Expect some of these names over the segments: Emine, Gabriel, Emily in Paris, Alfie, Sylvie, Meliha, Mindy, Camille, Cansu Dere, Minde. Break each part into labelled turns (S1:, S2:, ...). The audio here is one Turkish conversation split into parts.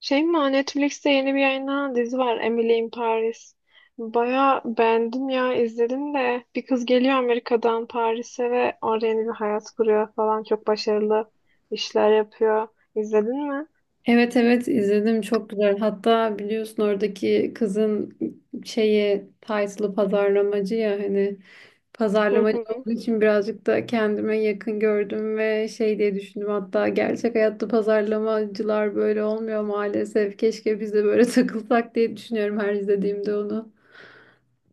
S1: Şey mi Netflix'te yeni bir yayınlanan dizi var, Emily in Paris. Baya beğendim ya, izledim de. Bir kız geliyor Amerika'dan Paris'e ve orada yeni bir hayat kuruyor falan, çok başarılı işler yapıyor. İzledin mi?
S2: Evet evet izledim, çok güzel. Hatta biliyorsun oradaki kızın title'ı pazarlamacı ya, hani
S1: Hı
S2: pazarlamacı
S1: hı.
S2: olduğu için birazcık da kendime yakın gördüm ve şey diye düşündüm, hatta gerçek hayatta pazarlamacılar böyle olmuyor maalesef. Keşke biz de böyle takılsak diye düşünüyorum her izlediğimde onu.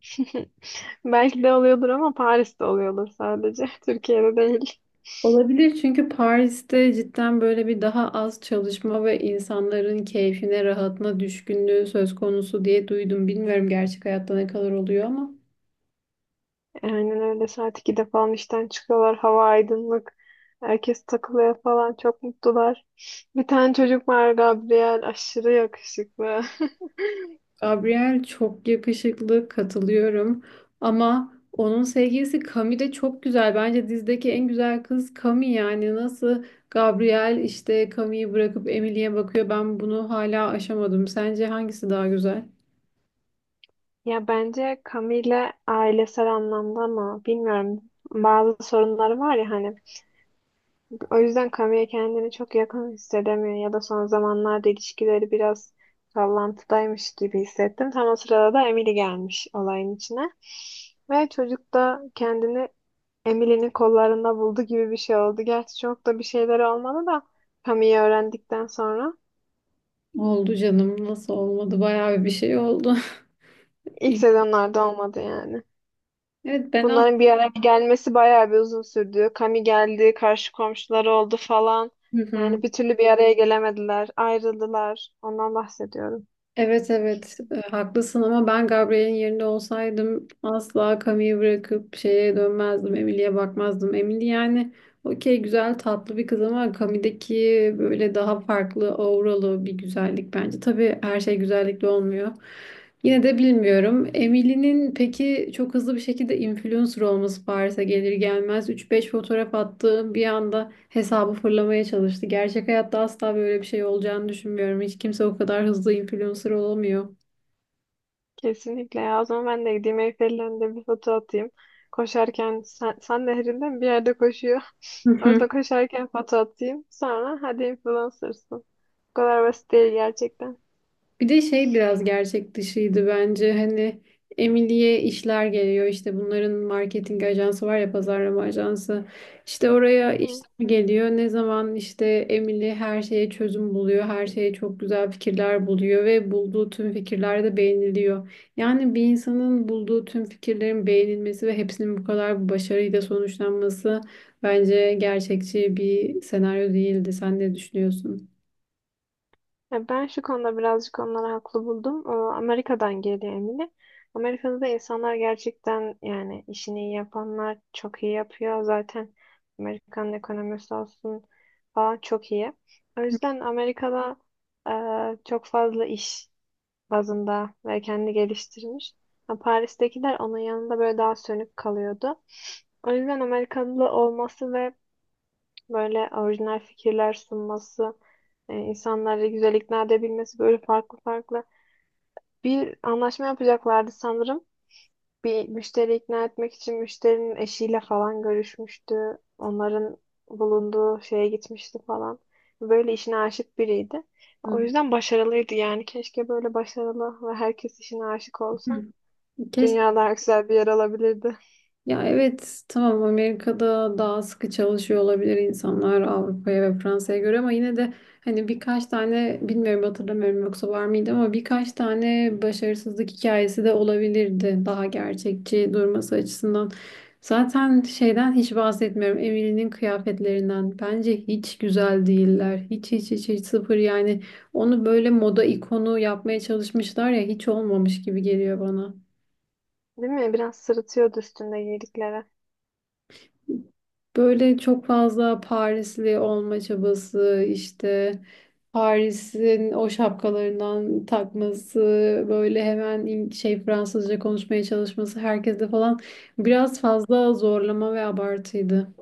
S1: Belki de oluyordur ama Paris'te oluyordur sadece. Türkiye'de değil.
S2: Olabilir, çünkü Paris'te cidden böyle bir daha az çalışma ve insanların keyfine, rahatına düşkünlüğü söz konusu diye duydum. Bilmiyorum gerçek hayatta ne kadar oluyor ama.
S1: Aynen öyle, saat 2'de falan işten çıkıyorlar. Hava aydınlık. Herkes takılıyor falan. Çok mutlular. Bir tane çocuk var, Gabriel. Aşırı yakışıklı.
S2: Gabriel çok yakışıklı, katılıyorum. Ama onun sevgilisi Cami de çok güzel. Bence dizideki en güzel kız Cami, yani nasıl Gabriel işte Cami'yi bırakıp Emily'e bakıyor. Ben bunu hala aşamadım. Sence hangisi daha güzel?
S1: Ya bence Camille ailesel anlamda, ama bilmiyorum, bazı sorunları var ya hani, o yüzden Camille kendini çok yakın hissedemiyor ya da son zamanlarda ilişkileri biraz sallantıdaymış gibi hissettim. Tam o sırada da Emily gelmiş olayın içine ve çocuk da kendini Emily'nin kollarında buldu gibi bir şey oldu. Gerçi çok da bir şeyler olmadı da, Camille'i öğrendikten sonra
S2: Oldu canım, nasıl olmadı? Bayağı bir şey oldu.
S1: ilk
S2: İyi.
S1: sezonlarda olmadı yani.
S2: Evet.
S1: Bunların bir araya gelmesi bayağı bir uzun sürdü. Kami geldi, karşı komşuları oldu falan.
S2: Hı hı.
S1: Yani bir türlü bir araya gelemediler, ayrıldılar. Ondan bahsediyorum.
S2: Evet evet, haklısın ama ben Gabriel'in yerinde olsaydım asla Camille'i bırakıp şeye dönmezdim. Emily'e bakmazdım. Emily, yani okey, güzel tatlı bir kız ama Camille'deki böyle daha farklı auralı bir güzellik bence. Tabii her şey güzellikle olmuyor. Yine de bilmiyorum. Emily'nin peki çok hızlı bir şekilde influencer olması, Paris'e gelir gelmez 3-5 fotoğraf attı. Bir anda hesabı fırlamaya çalıştı. Gerçek hayatta asla böyle bir şey olacağını düşünmüyorum. Hiç kimse o kadar hızlı influencer olamıyor.
S1: Kesinlikle ya. O zaman ben de gideyim Eyfel'in önünde bir foto atayım. Koşarken, sen, sen nehrinden bir yerde koşuyor. Orada koşarken foto atayım. Sonra hadi influencersın. Bu kadar basit değil gerçekten.
S2: Bir de şey biraz gerçek dışıydı bence. Hani Emily'ye işler geliyor. İşte bunların marketing ajansı var ya, pazarlama ajansı. İşte
S1: Hı
S2: oraya
S1: hı.
S2: işler geliyor. Ne zaman işte Emily her şeye çözüm buluyor. Her şeye çok güzel fikirler buluyor ve bulduğu tüm fikirler de beğeniliyor. Yani bir insanın bulduğu tüm fikirlerin beğenilmesi ve hepsinin bu kadar bu başarıyla sonuçlanması bence gerçekçi bir senaryo değildi. Sen ne düşünüyorsun?
S1: Ya ben şu konuda birazcık onları haklı buldum. Amerika'dan geliyor Emine. Amerika'da da insanlar gerçekten, yani işini iyi yapanlar çok iyi yapıyor. Zaten Amerikan ekonomisi olsun falan çok iyi. O yüzden Amerika'da, çok fazla iş bazında ve kendi geliştirmiş. Ha, Paris'tekiler onun yanında böyle daha sönük kalıyordu. O yüzden Amerikalı olması ve böyle orijinal fikirler sunması, insanları güzel ikna edebilmesi, böyle farklı farklı. Bir anlaşma yapacaklardı sanırım. Bir müşteri ikna etmek için müşterinin eşiyle falan görüşmüştü. Onların bulunduğu şeye gitmişti falan. Böyle işine aşık biriydi.
S2: Hı
S1: O yüzden başarılıydı yani. Keşke böyle başarılı ve herkes işine aşık
S2: hı.
S1: olsa.
S2: Keşke.
S1: Dünya daha güzel bir yer alabilirdi.
S2: Ya evet, tamam, Amerika'da daha sıkı çalışıyor olabilir insanlar Avrupa'ya ve Fransa'ya göre ama yine de hani birkaç tane, bilmiyorum hatırlamıyorum yoksa var mıydı, ama birkaç tane başarısızlık hikayesi de olabilirdi daha gerçekçi durması açısından. Zaten şeyden hiç bahsetmiyorum, Emily'nin kıyafetlerinden, bence hiç güzel değiller, hiç hiç hiç hiç sıfır yani. Onu böyle moda ikonu yapmaya çalışmışlar ya, hiç olmamış gibi geliyor bana.
S1: Değil mi? Biraz sırıtıyordu üstünde giydikleri.
S2: Böyle çok fazla Parisli olma çabası, işte Paris'in o şapkalarından takması, böyle hemen Fransızca konuşmaya çalışması herkeste falan, biraz fazla zorlama ve abartıydı.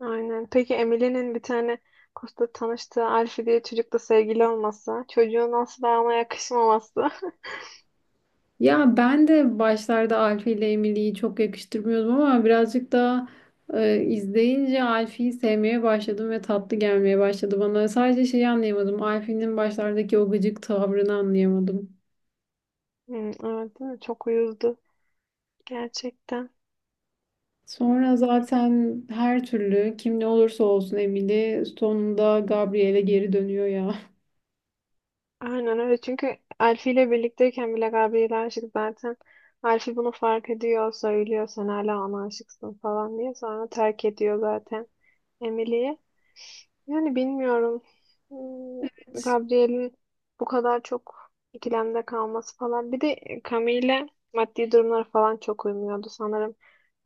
S1: Aynen. Peki Emily'nin bir tane kursta tanıştığı Alfie diye çocukla sevgili olması, çocuğun asla ona yakışmaması.
S2: Ya ben de başlarda Alfie ile Emily'yi çok yakıştırmıyordum ama birazcık daha izleyince Alfie'yi sevmeye başladım ve tatlı gelmeye başladı bana. Sadece şeyi anlayamadım, Alfie'nin başlardaki o gıcık tavrını anlayamadım.
S1: Hmm, evet, değil mi? Çok uyuzdu. Gerçekten.
S2: Sonra zaten her türlü kim ne olursa olsun Emily sonunda Gabriel'e geri dönüyor ya.
S1: Aynen öyle. Çünkü Alfie ile birlikteyken bile Gabriel'e aşık zaten. Alfie bunu fark ediyor, söylüyor sen hala ona aşıksın falan diye. Sonra terk ediyor zaten Emily. Yani bilmiyorum. Hmm,
S2: Evet.
S1: Gabriel'in bu kadar çok ikilemde kalması falan. Bir de Camille, maddi durumları falan çok uymuyordu sanırım.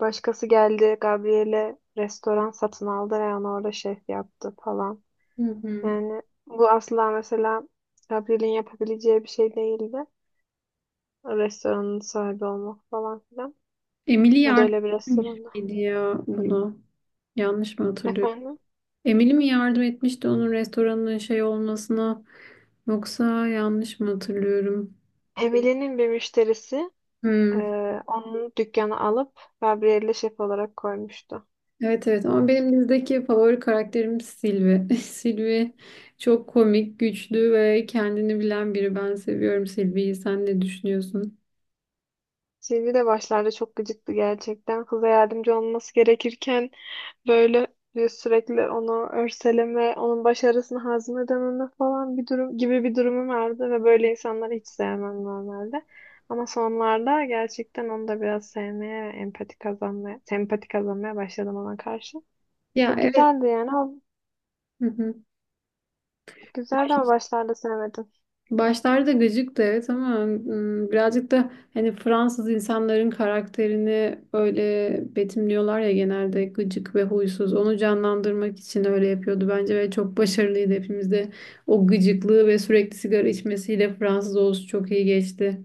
S1: Başkası geldi, Gabriel'e restoran satın aldı ve ona orada şef yaptı falan.
S2: Hı hı.
S1: Yani bu asla mesela Gabriel'in yapabileceği bir şey değildi. Restoranın sahibi olmak falan filan.
S2: Emily
S1: Ya da
S2: yardım
S1: öyle bir
S2: etmişti
S1: restoranda.
S2: ya buna. Yanlış mı hatırlıyorum?
S1: Efendim?
S2: Emily mi yardım etmişti onun restoranın şey olmasına? Yoksa yanlış mı hatırlıyorum?
S1: Emily'nin bir müşterisi,
S2: Hmm.
S1: Onun dükkanı alıp Gabriel'e şef olarak koymuştu.
S2: Evet evet, ama benim dizideki favori karakterim Sylvie. Sylvie çok komik, güçlü ve kendini bilen biri. Ben seviyorum Sylvie'yi. Sen ne düşünüyorsun?
S1: Sylvie de başlarda çok gıcıktı gerçekten. Kıza yardımcı olması gerekirken böyle bir sürekli onu örseleme, onun başarısını hazmedememe falan, bir durum gibi bir durumu vardı ve böyle insanları hiç sevmem normalde. Ama sonlarda gerçekten onu da biraz sevmeye ve empati kazanmaya, sempati kazanmaya başladım ona karşı.
S2: Ya evet.
S1: Güzeldi yani, ama-
S2: Hı hı.
S1: güzeldi ama başlarda sevmedim.
S2: Başlarda gıcıktı evet ama birazcık da hani Fransız insanların karakterini öyle betimliyorlar ya, genelde gıcık ve huysuz. Onu canlandırmak için öyle yapıyordu bence ve çok başarılıydı hepimizde. O gıcıklığı ve sürekli sigara içmesiyle Fransız olsun çok iyi geçti.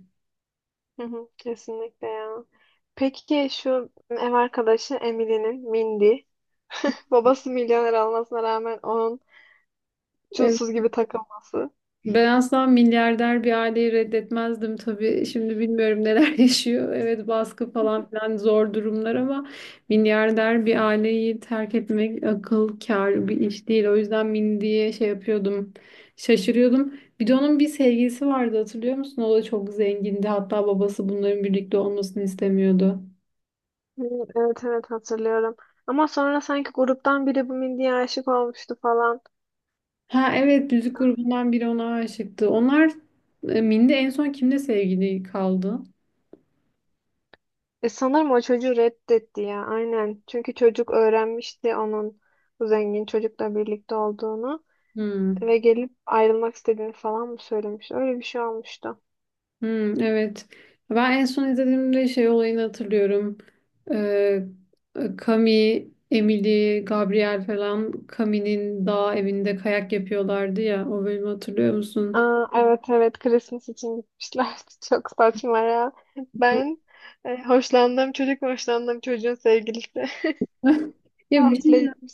S1: Hı hı, kesinlikle ya. Peki şu ev arkadaşı Emily'nin, Mindy. Babası milyoner olmasına rağmen onun çulsuz gibi takılması. Hı,
S2: Ben asla milyarder bir aileyi reddetmezdim tabii. Şimdi bilmiyorum neler yaşıyor. Evet, baskı falan filan, zor durumlar ama milyarder bir aileyi terk etmek akıl kâr bir iş değil. O yüzden min diye şey yapıyordum. Şaşırıyordum. Bir de onun bir sevgilisi vardı, hatırlıyor musun? O da çok zengindi. Hatta babası bunların birlikte olmasını istemiyordu.
S1: evet evet, hatırlıyorum. Ama sonra sanki gruptan biri bu Mindy'ye aşık olmuştu falan.
S2: Ha evet, müzik grubundan biri ona aşıktı. Onlar Minde en son kimle sevgili kaldı?
S1: Sanırım o çocuğu reddetti ya, aynen. Çünkü çocuk öğrenmişti onun bu zengin çocukla birlikte olduğunu.
S2: Hmm.
S1: Ve gelip ayrılmak istediğini falan mı söylemiş? Öyle bir şey olmuştu.
S2: Hmm, evet. Ben en son izlediğimde şey olayını hatırlıyorum. Ee, Kami, Emily, Gabriel falan Kami'nin dağ evinde kayak yapıyorlardı ya. O bölümü hatırlıyor musun?
S1: Aa, evet evet, Christmas için gitmişler. Çok saçma ya. Ben, hoşlandığım çocuk ve hoşlandığım çocuğun sevgilisi
S2: Ya bir
S1: tatile
S2: şey
S1: gitmiş.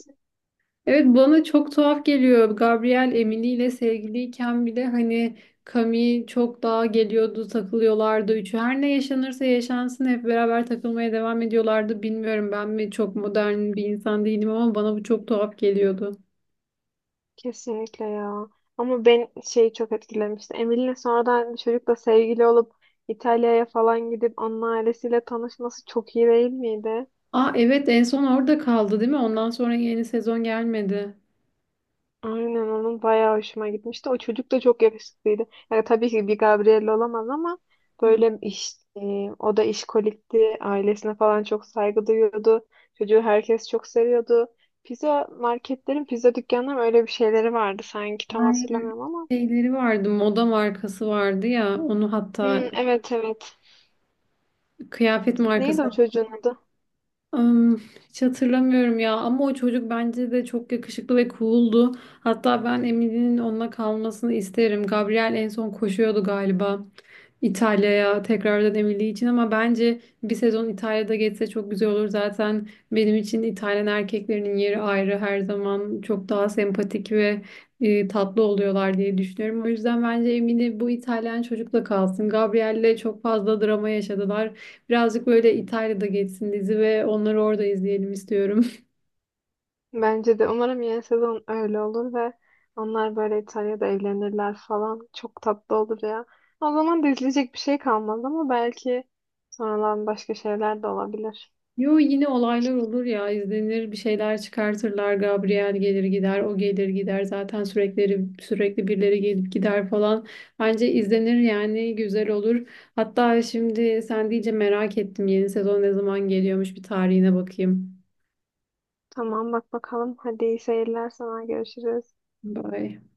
S2: Evet, bana çok tuhaf geliyor. Gabriel Emily ile sevgiliyken bile hani Camille çok daha geliyordu, takılıyorlardı. Üçü her ne yaşanırsa yaşansın hep beraber takılmaya devam ediyorlardı. Bilmiyorum ben mi çok modern bir insan değilim ama bana bu çok tuhaf geliyordu.
S1: Kesinlikle ya. Ama ben, şeyi çok etkilemişti. Emine'nin sonradan bir çocukla sevgili olup İtalya'ya falan gidip onun ailesiyle tanışması çok iyi değil miydi?
S2: Aa evet, en son orada kaldı değil mi? Ondan sonra yeni sezon gelmedi.
S1: Aynen, onun bayağı hoşuma gitmişti. O çocuk da çok yakışıklıydı. Yani tabii ki bir Gabriel olamaz ama
S2: Hı.
S1: böyle iş, o da işkolikti. Ailesine falan çok saygı duyuyordu. Çocuğu herkes çok seviyordu. Pizza marketlerin, pizza dükkanların öyle bir şeyleri vardı sanki. Tam
S2: Ay,
S1: hatırlamıyorum ama.
S2: şeyleri vardı, moda markası vardı ya onu,
S1: Hmm,
S2: hatta
S1: evet evet.
S2: kıyafet
S1: Neydi o
S2: markası.
S1: çocuğun adı?
S2: Am, Hiç hatırlamıyorum ya ama o çocuk bence de çok yakışıklı ve cool'du. Hatta ben Emily'nin onunla kalmasını isterim. Gabriel en son koşuyordu galiba İtalya'ya tekrardan Emily için ama bence bir sezon İtalya'da geçse çok güzel olur. Zaten benim için İtalyan erkeklerinin yeri ayrı, her zaman çok daha sempatik ve tatlı oluyorlar diye düşünüyorum. O yüzden bence Emily bu İtalyan çocukla kalsın. Gabriel'le çok fazla drama yaşadılar. Birazcık böyle İtalya'da geçsin dizi ve onları orada izleyelim istiyorum.
S1: Bence de umarım yeni sezon öyle olur ve onlar böyle İtalya'da evlenirler falan. Çok tatlı olur ya. O zaman da izleyecek bir şey kalmaz ama belki sonradan başka şeyler de olabilir.
S2: Yo, yine olaylar olur ya, izlenir, bir şeyler çıkartırlar. Gabriel gelir gider, o gelir gider. Zaten sürekli sürekli birileri gelip gider falan. Bence izlenir yani, güzel olur. Hatta şimdi sen deyince merak ettim, yeni sezon ne zaman geliyormuş bir tarihine bakayım.
S1: Tamam, bak bakalım. Hadi iyi seyirler sana, görüşürüz.
S2: Bye.